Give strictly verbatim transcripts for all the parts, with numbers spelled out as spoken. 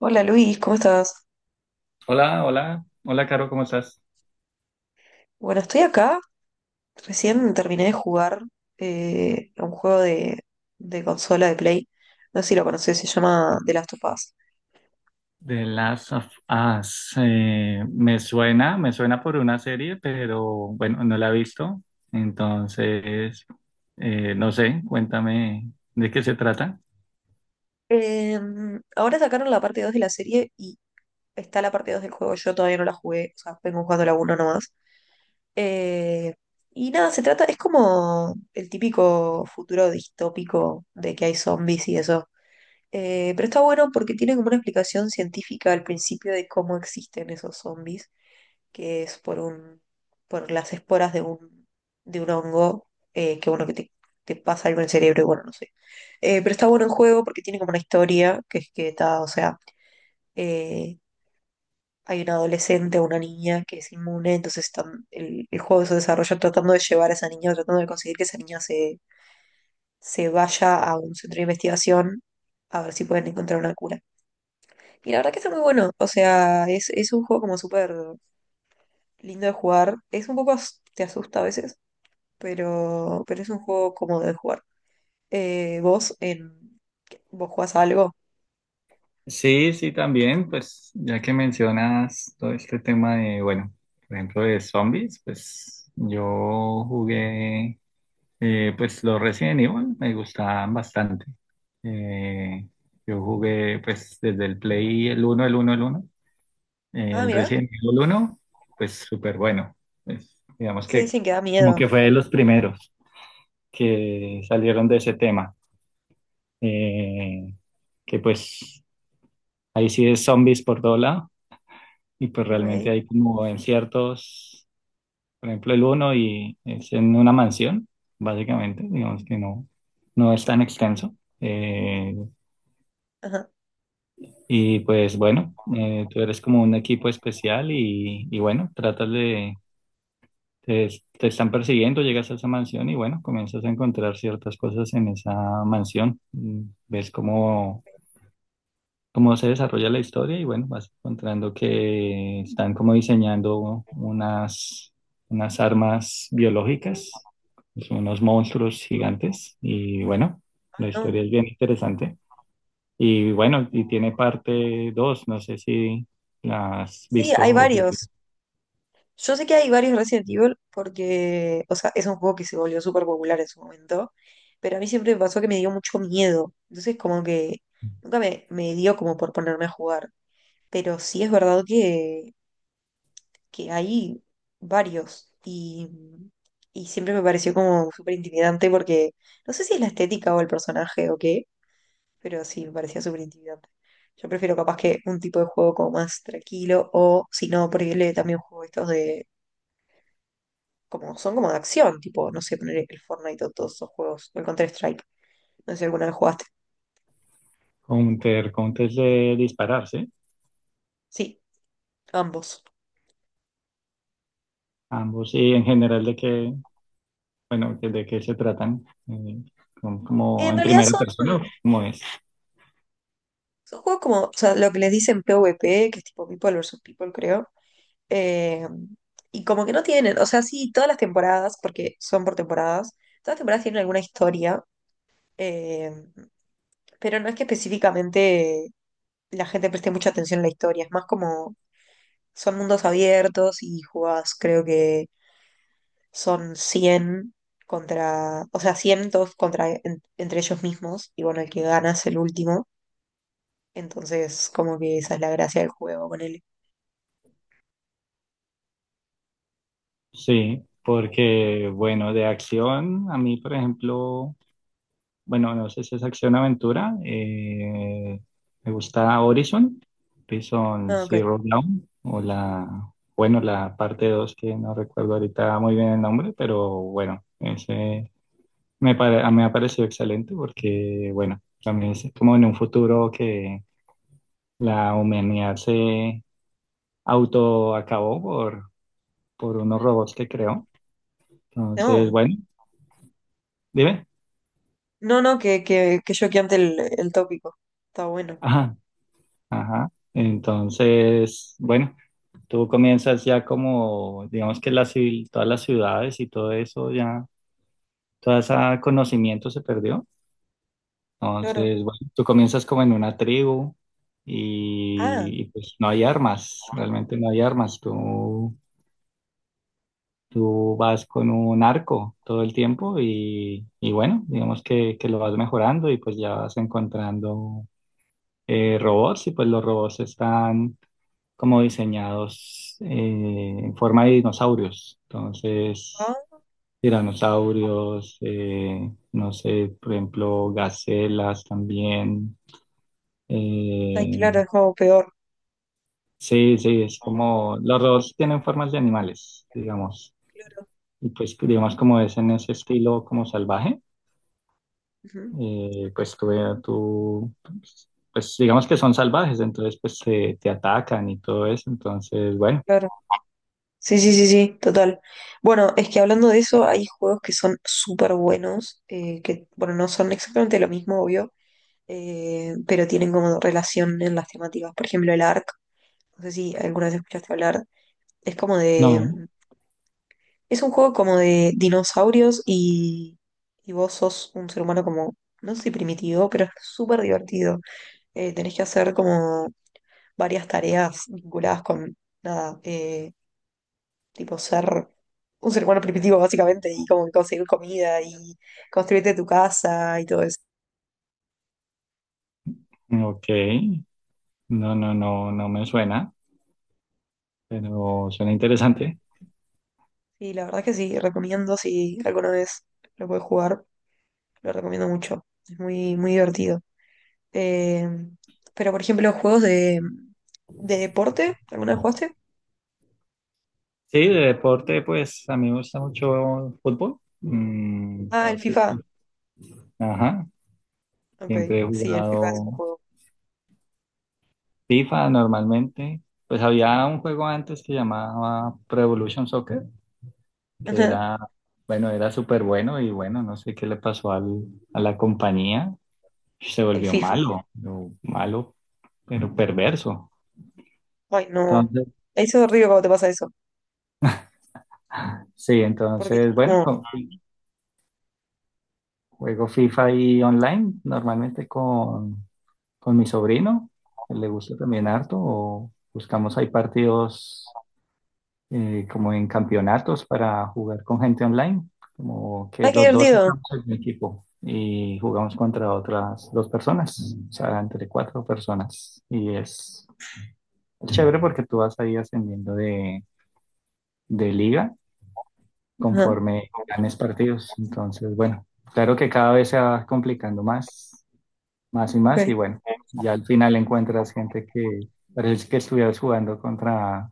Hola Luis, ¿cómo estás? Hola, hola, hola, Caro, ¿cómo estás? Bueno, estoy acá. Recién terminé de jugar eh, a un juego de, de consola de Play. No sé si lo conoces, se llama The Last of Us. The Last of Us. Eh, me suena, me suena por una serie, pero bueno, no la he visto. Entonces, eh, no sé, cuéntame de qué se trata. Eh, Ahora sacaron la parte dos de la serie y está la parte dos del juego. Yo todavía no la jugué, o sea, vengo jugando la uno nomás. Eh, y nada, se trata, es como el típico futuro distópico de que hay zombies y eso. Eh, pero está bueno porque tiene como una explicación científica al principio de cómo existen esos zombies. Que es por un, por las esporas de un, de un hongo, eh, que bueno, que te, te pasa algo en el cerebro y bueno, no sé. Eh, pero está bueno el juego porque tiene como una historia, que es que está, o sea, eh, hay una adolescente o una niña que es inmune, entonces están, el, el juego se desarrolla tratando de llevar a esa niña, tratando de conseguir que esa niña se, se vaya a un centro de investigación a ver si pueden encontrar una cura. Y la verdad que está muy bueno, o sea, es, es un juego como súper lindo de jugar, es un poco, as- te asusta a veces, pero, pero es un juego cómodo de jugar. Eh, vos en vos jugás a algo. Sí, sí, también, pues ya que mencionas todo este tema de, bueno, por ejemplo, de zombies, pues yo jugué. Eh, pues los Resident Evil me gustaban bastante. Eh, yo jugué pues desde el Play el uno el uno el uno Eh, Ah, El mira, Resident Evil uno, pues súper bueno. Pues, digamos se que dicen que da como miedo. que fue de los primeros que salieron de ese tema. Eh, que pues ahí sí es zombies por todo lado y pues realmente Ok. hay como en ciertos. Por ejemplo, el uno y es en una mansión, básicamente, digamos que no, no es tan extenso. Eh, Ajá. Y pues bueno, eh, tú eres como un equipo especial y, y bueno, tratas de, te, te están persiguiendo, llegas a esa mansión y bueno, comienzas a encontrar ciertas cosas en esa mansión. Mm, Ves como cómo se desarrolla la historia y bueno, vas encontrando que están como diseñando unas, unas armas biológicas, son unos monstruos gigantes y bueno, Ay, la historia no. es bien interesante. Y bueno, y tiene parte dos. No sé si la has Sí, visto hay o jugado. varios. Yo sé que hay varios Resident Evil porque, o sea, es un juego que se volvió súper popular en su momento, pero a mí siempre me pasó que me dio mucho miedo. Entonces, como que nunca me, me dio como por ponerme a jugar. Pero sí es verdad que que hay varios y, y siempre me pareció como súper intimidante porque no sé si es la estética o el personaje o qué, pero sí, me parecía súper intimidante. Yo prefiero capaz que un tipo de juego como más tranquilo o si no, prohibirle también juego estos de como son como de acción, tipo, no sé, poner el Fortnite o todos esos juegos, o el Counter-Strike, no sé si alguna vez jugaste. Counter, Counter es de dispararse, Sí, ambos. ambos, y en general de qué, bueno, de de qué se tratan, eh, como como En en realidad primera son, persona, como es. son juegos como, o sea, lo que les dicen PvP, que es tipo People versus People, creo. Eh, y como que no tienen, o sea, sí, todas las temporadas, porque son por temporadas, todas las temporadas tienen alguna historia, eh, pero no es que específicamente la gente preste mucha atención a la historia, es más como son mundos abiertos y jugás, creo que son cien contra, o sea, cien todos contra, en- entre ellos mismos, y bueno, el que gana es el último, entonces como que esa es la gracia del juego con él. Sí, porque bueno, de acción, a mí, por ejemplo, bueno, no sé si es acción aventura, eh, me gusta Horizon, Horizon Ah, ok. Zero Dawn, o la, bueno, la parte dos que no recuerdo ahorita muy bien el nombre, pero bueno, ese me, pare- me ha parecido excelente porque, bueno, también es como en un futuro que la humanidad se autoacabó por, por unos robots que creó. Entonces, No. bueno, dime. No, no, que, que, que choqueante el, el tópico. Está bueno. Ajá, ajá. Entonces, bueno, tú comienzas ya como, digamos que la civil, todas las ciudades y todo eso, ya, todo ese conocimiento se perdió. Claro. Entonces, bueno, tú comienzas como en una tribu Ah, y, y, pues no hay armas, realmente no hay armas. Tú, tú vas con un arco todo el tiempo y, y bueno, digamos que, que lo vas mejorando y pues ya vas encontrando eh, robots y pues los robots están como diseñados eh, en forma de dinosaurios. Entonces, ah, tiranosaurios, eh, no sé, por ejemplo, gacelas también. ay, Eh, claro, es algo peor. sí, sí, es como los robots tienen formas de animales, digamos. Claro. Y pues, digamos, como es en ese estilo como salvaje, Ujú. eh, pues tú, tú pues, pues, digamos que son salvajes, entonces pues te, te atacan y todo eso. Entonces, bueno. Claro. Sí, sí, sí, sí, total. Bueno, es que hablando de eso, hay juegos que son súper buenos, eh, que, bueno, no son exactamente lo mismo, obvio, eh, pero tienen como relación en las temáticas. Por ejemplo, el Ark, no sé si alguna vez escuchaste hablar, es como No, de, es un juego como de dinosaurios y, y vos sos un ser humano como, no sé si primitivo, pero es súper divertido. Eh, tenés que hacer como varias tareas vinculadas con, nada, eh, tipo ser un ser humano primitivo básicamente y como conseguir comida y construirte tu casa y todo eso. ok. No, no, no, no me suena, pero suena interesante. Y la verdad es que sí, recomiendo si alguna vez lo puedes jugar, lo recomiendo mucho. Es muy, muy divertido. Eh, pero por ejemplo, juegos de, de deporte, ¿alguna vez jugaste? Sí, de deporte, pues a mí me gusta mucho el fútbol. Mm. Ah, el Entonces, FIFA. sí. Ajá, Ok, siempre he sí, el FIFA es jugado un juego. F I F A normalmente. Pues había un juego antes que llamaba Pro Evolution Soccer, que Ajá, era, bueno, era súper bueno y bueno, no sé qué le pasó al, a la compañía. Se el volvió FIFA. malo, pero malo, pero perverso. Ay, no. Entonces, Eso es horrible cuando te pasa eso. sí, Porque es entonces, bueno, como, con- juego FIFA y online, normalmente con, con mi sobrino, que le gusta también harto, o buscamos ahí partidos eh, como en campeonatos para jugar con gente online, como que ay, qué los dos divertido. estamos en un equipo y jugamos contra otras dos personas, o sea, entre cuatro personas. Y es chévere porque tú vas ahí ascendiendo de, de liga Ajá, conforme ganes partidos. Entonces, bueno, claro que cada vez se va complicando más más y más, y ok. bueno, ya al final encuentras gente que parece que estuvieras jugando contra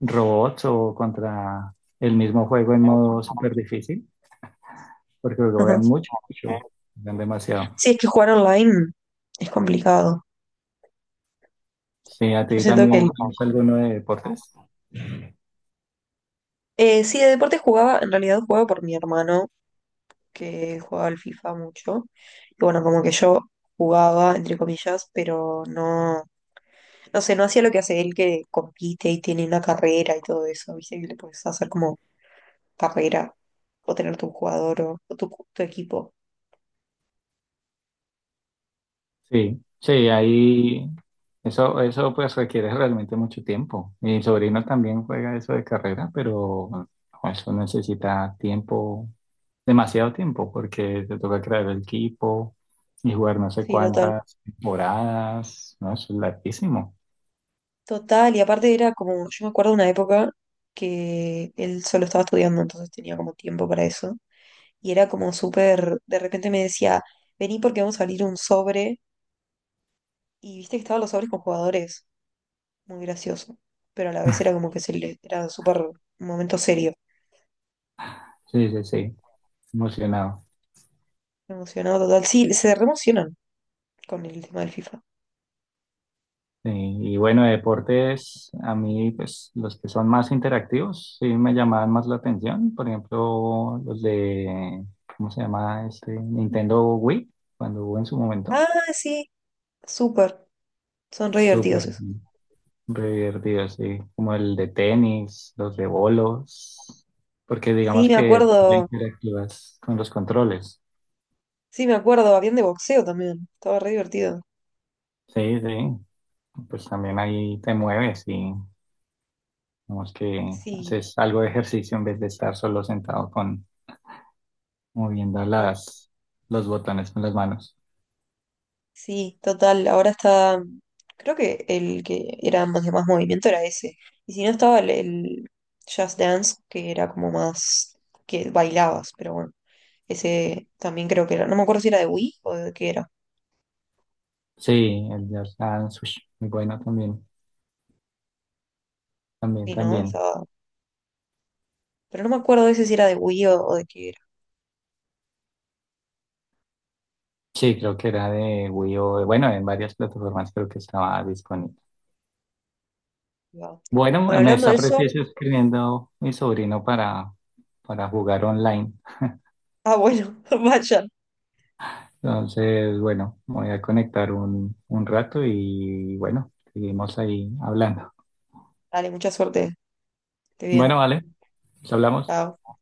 robots o contra el mismo juego en modo súper difícil, porque lo Ajá. juegan mucho, mucho, juegan demasiado. Sí, es que jugar online es complicado. Sí, a Yo ti siento que... el- también, ¿tienes alguno de deportes? Eh, sí, de deporte jugaba, en realidad jugaba por mi hermano, que jugaba al FIFA mucho. Y bueno, como que yo jugaba, entre comillas, pero no... No sé, no hacía lo que hace él que compite y tiene una carrera y todo eso, ¿viste? Que le puedes hacer como carrera o tener tu jugador o, o tu, tu equipo. Sí, sí, ahí eso, eso pues requiere realmente mucho tiempo. Mi sobrino también juega eso de carrera, pero eso necesita tiempo, demasiado tiempo, porque te toca crear el equipo y jugar no sé Sí, total. cuántas temporadas, ¿no? Eso es larguísimo. Total, y aparte era como, yo me acuerdo de una época que él solo estaba estudiando, entonces tenía como tiempo para eso. Y era como súper, de repente me decía, vení porque vamos a abrir un sobre. Y viste que estaban los sobres con jugadores, muy gracioso. Pero a la vez era como que se le, era súper un momento serio. Sí, sí, sí, emocionado. Emocionado total. Sí, se re emocionan con el tema del FIFA. Sí, y bueno, de deportes, a mí, pues los que son más interactivos, sí me llamaban más la atención. Por ejemplo, los de, ¿cómo se llama? Este Nintendo Wii, cuando hubo en su momento. Ah, sí, súper, son re Súper divertidos esos. divertido, sí. Como el de tenis, los de bolos, porque Sí, digamos me que tú ya acuerdo, interactúas con los controles. sí, me acuerdo, habían de boxeo también, estaba re divertido. Sí, sí. Pues también ahí te mueves y digamos que Sí, haces algo de ejercicio en vez de estar solo sentado con moviendo claro. las, los botones con las manos. Sí, total, ahora está, creo que el que era más de más movimiento era ese. Y si no estaba el, el Just Dance, que era como más, que bailabas, pero bueno, ese también creo que era, no me acuerdo si era de Wii o de qué era. Sí, el Just Dance, ush, muy bueno también, también, Sí, no, también. estaba, pero no me acuerdo ese si era de Wii o, o de qué era. Sí, creo que era de Wii U, bueno, en varias plataformas creo que estaba disponible. Wow. Bueno, Bueno, me hablando de está eso, preciso escribiendo mi sobrino para, para jugar online. ah, bueno, vayan, Entonces, bueno, me voy a conectar un, un rato y bueno, seguimos ahí hablando. dale, mucha suerte. Esté bien. Bueno, vale, nos hablamos. Chao.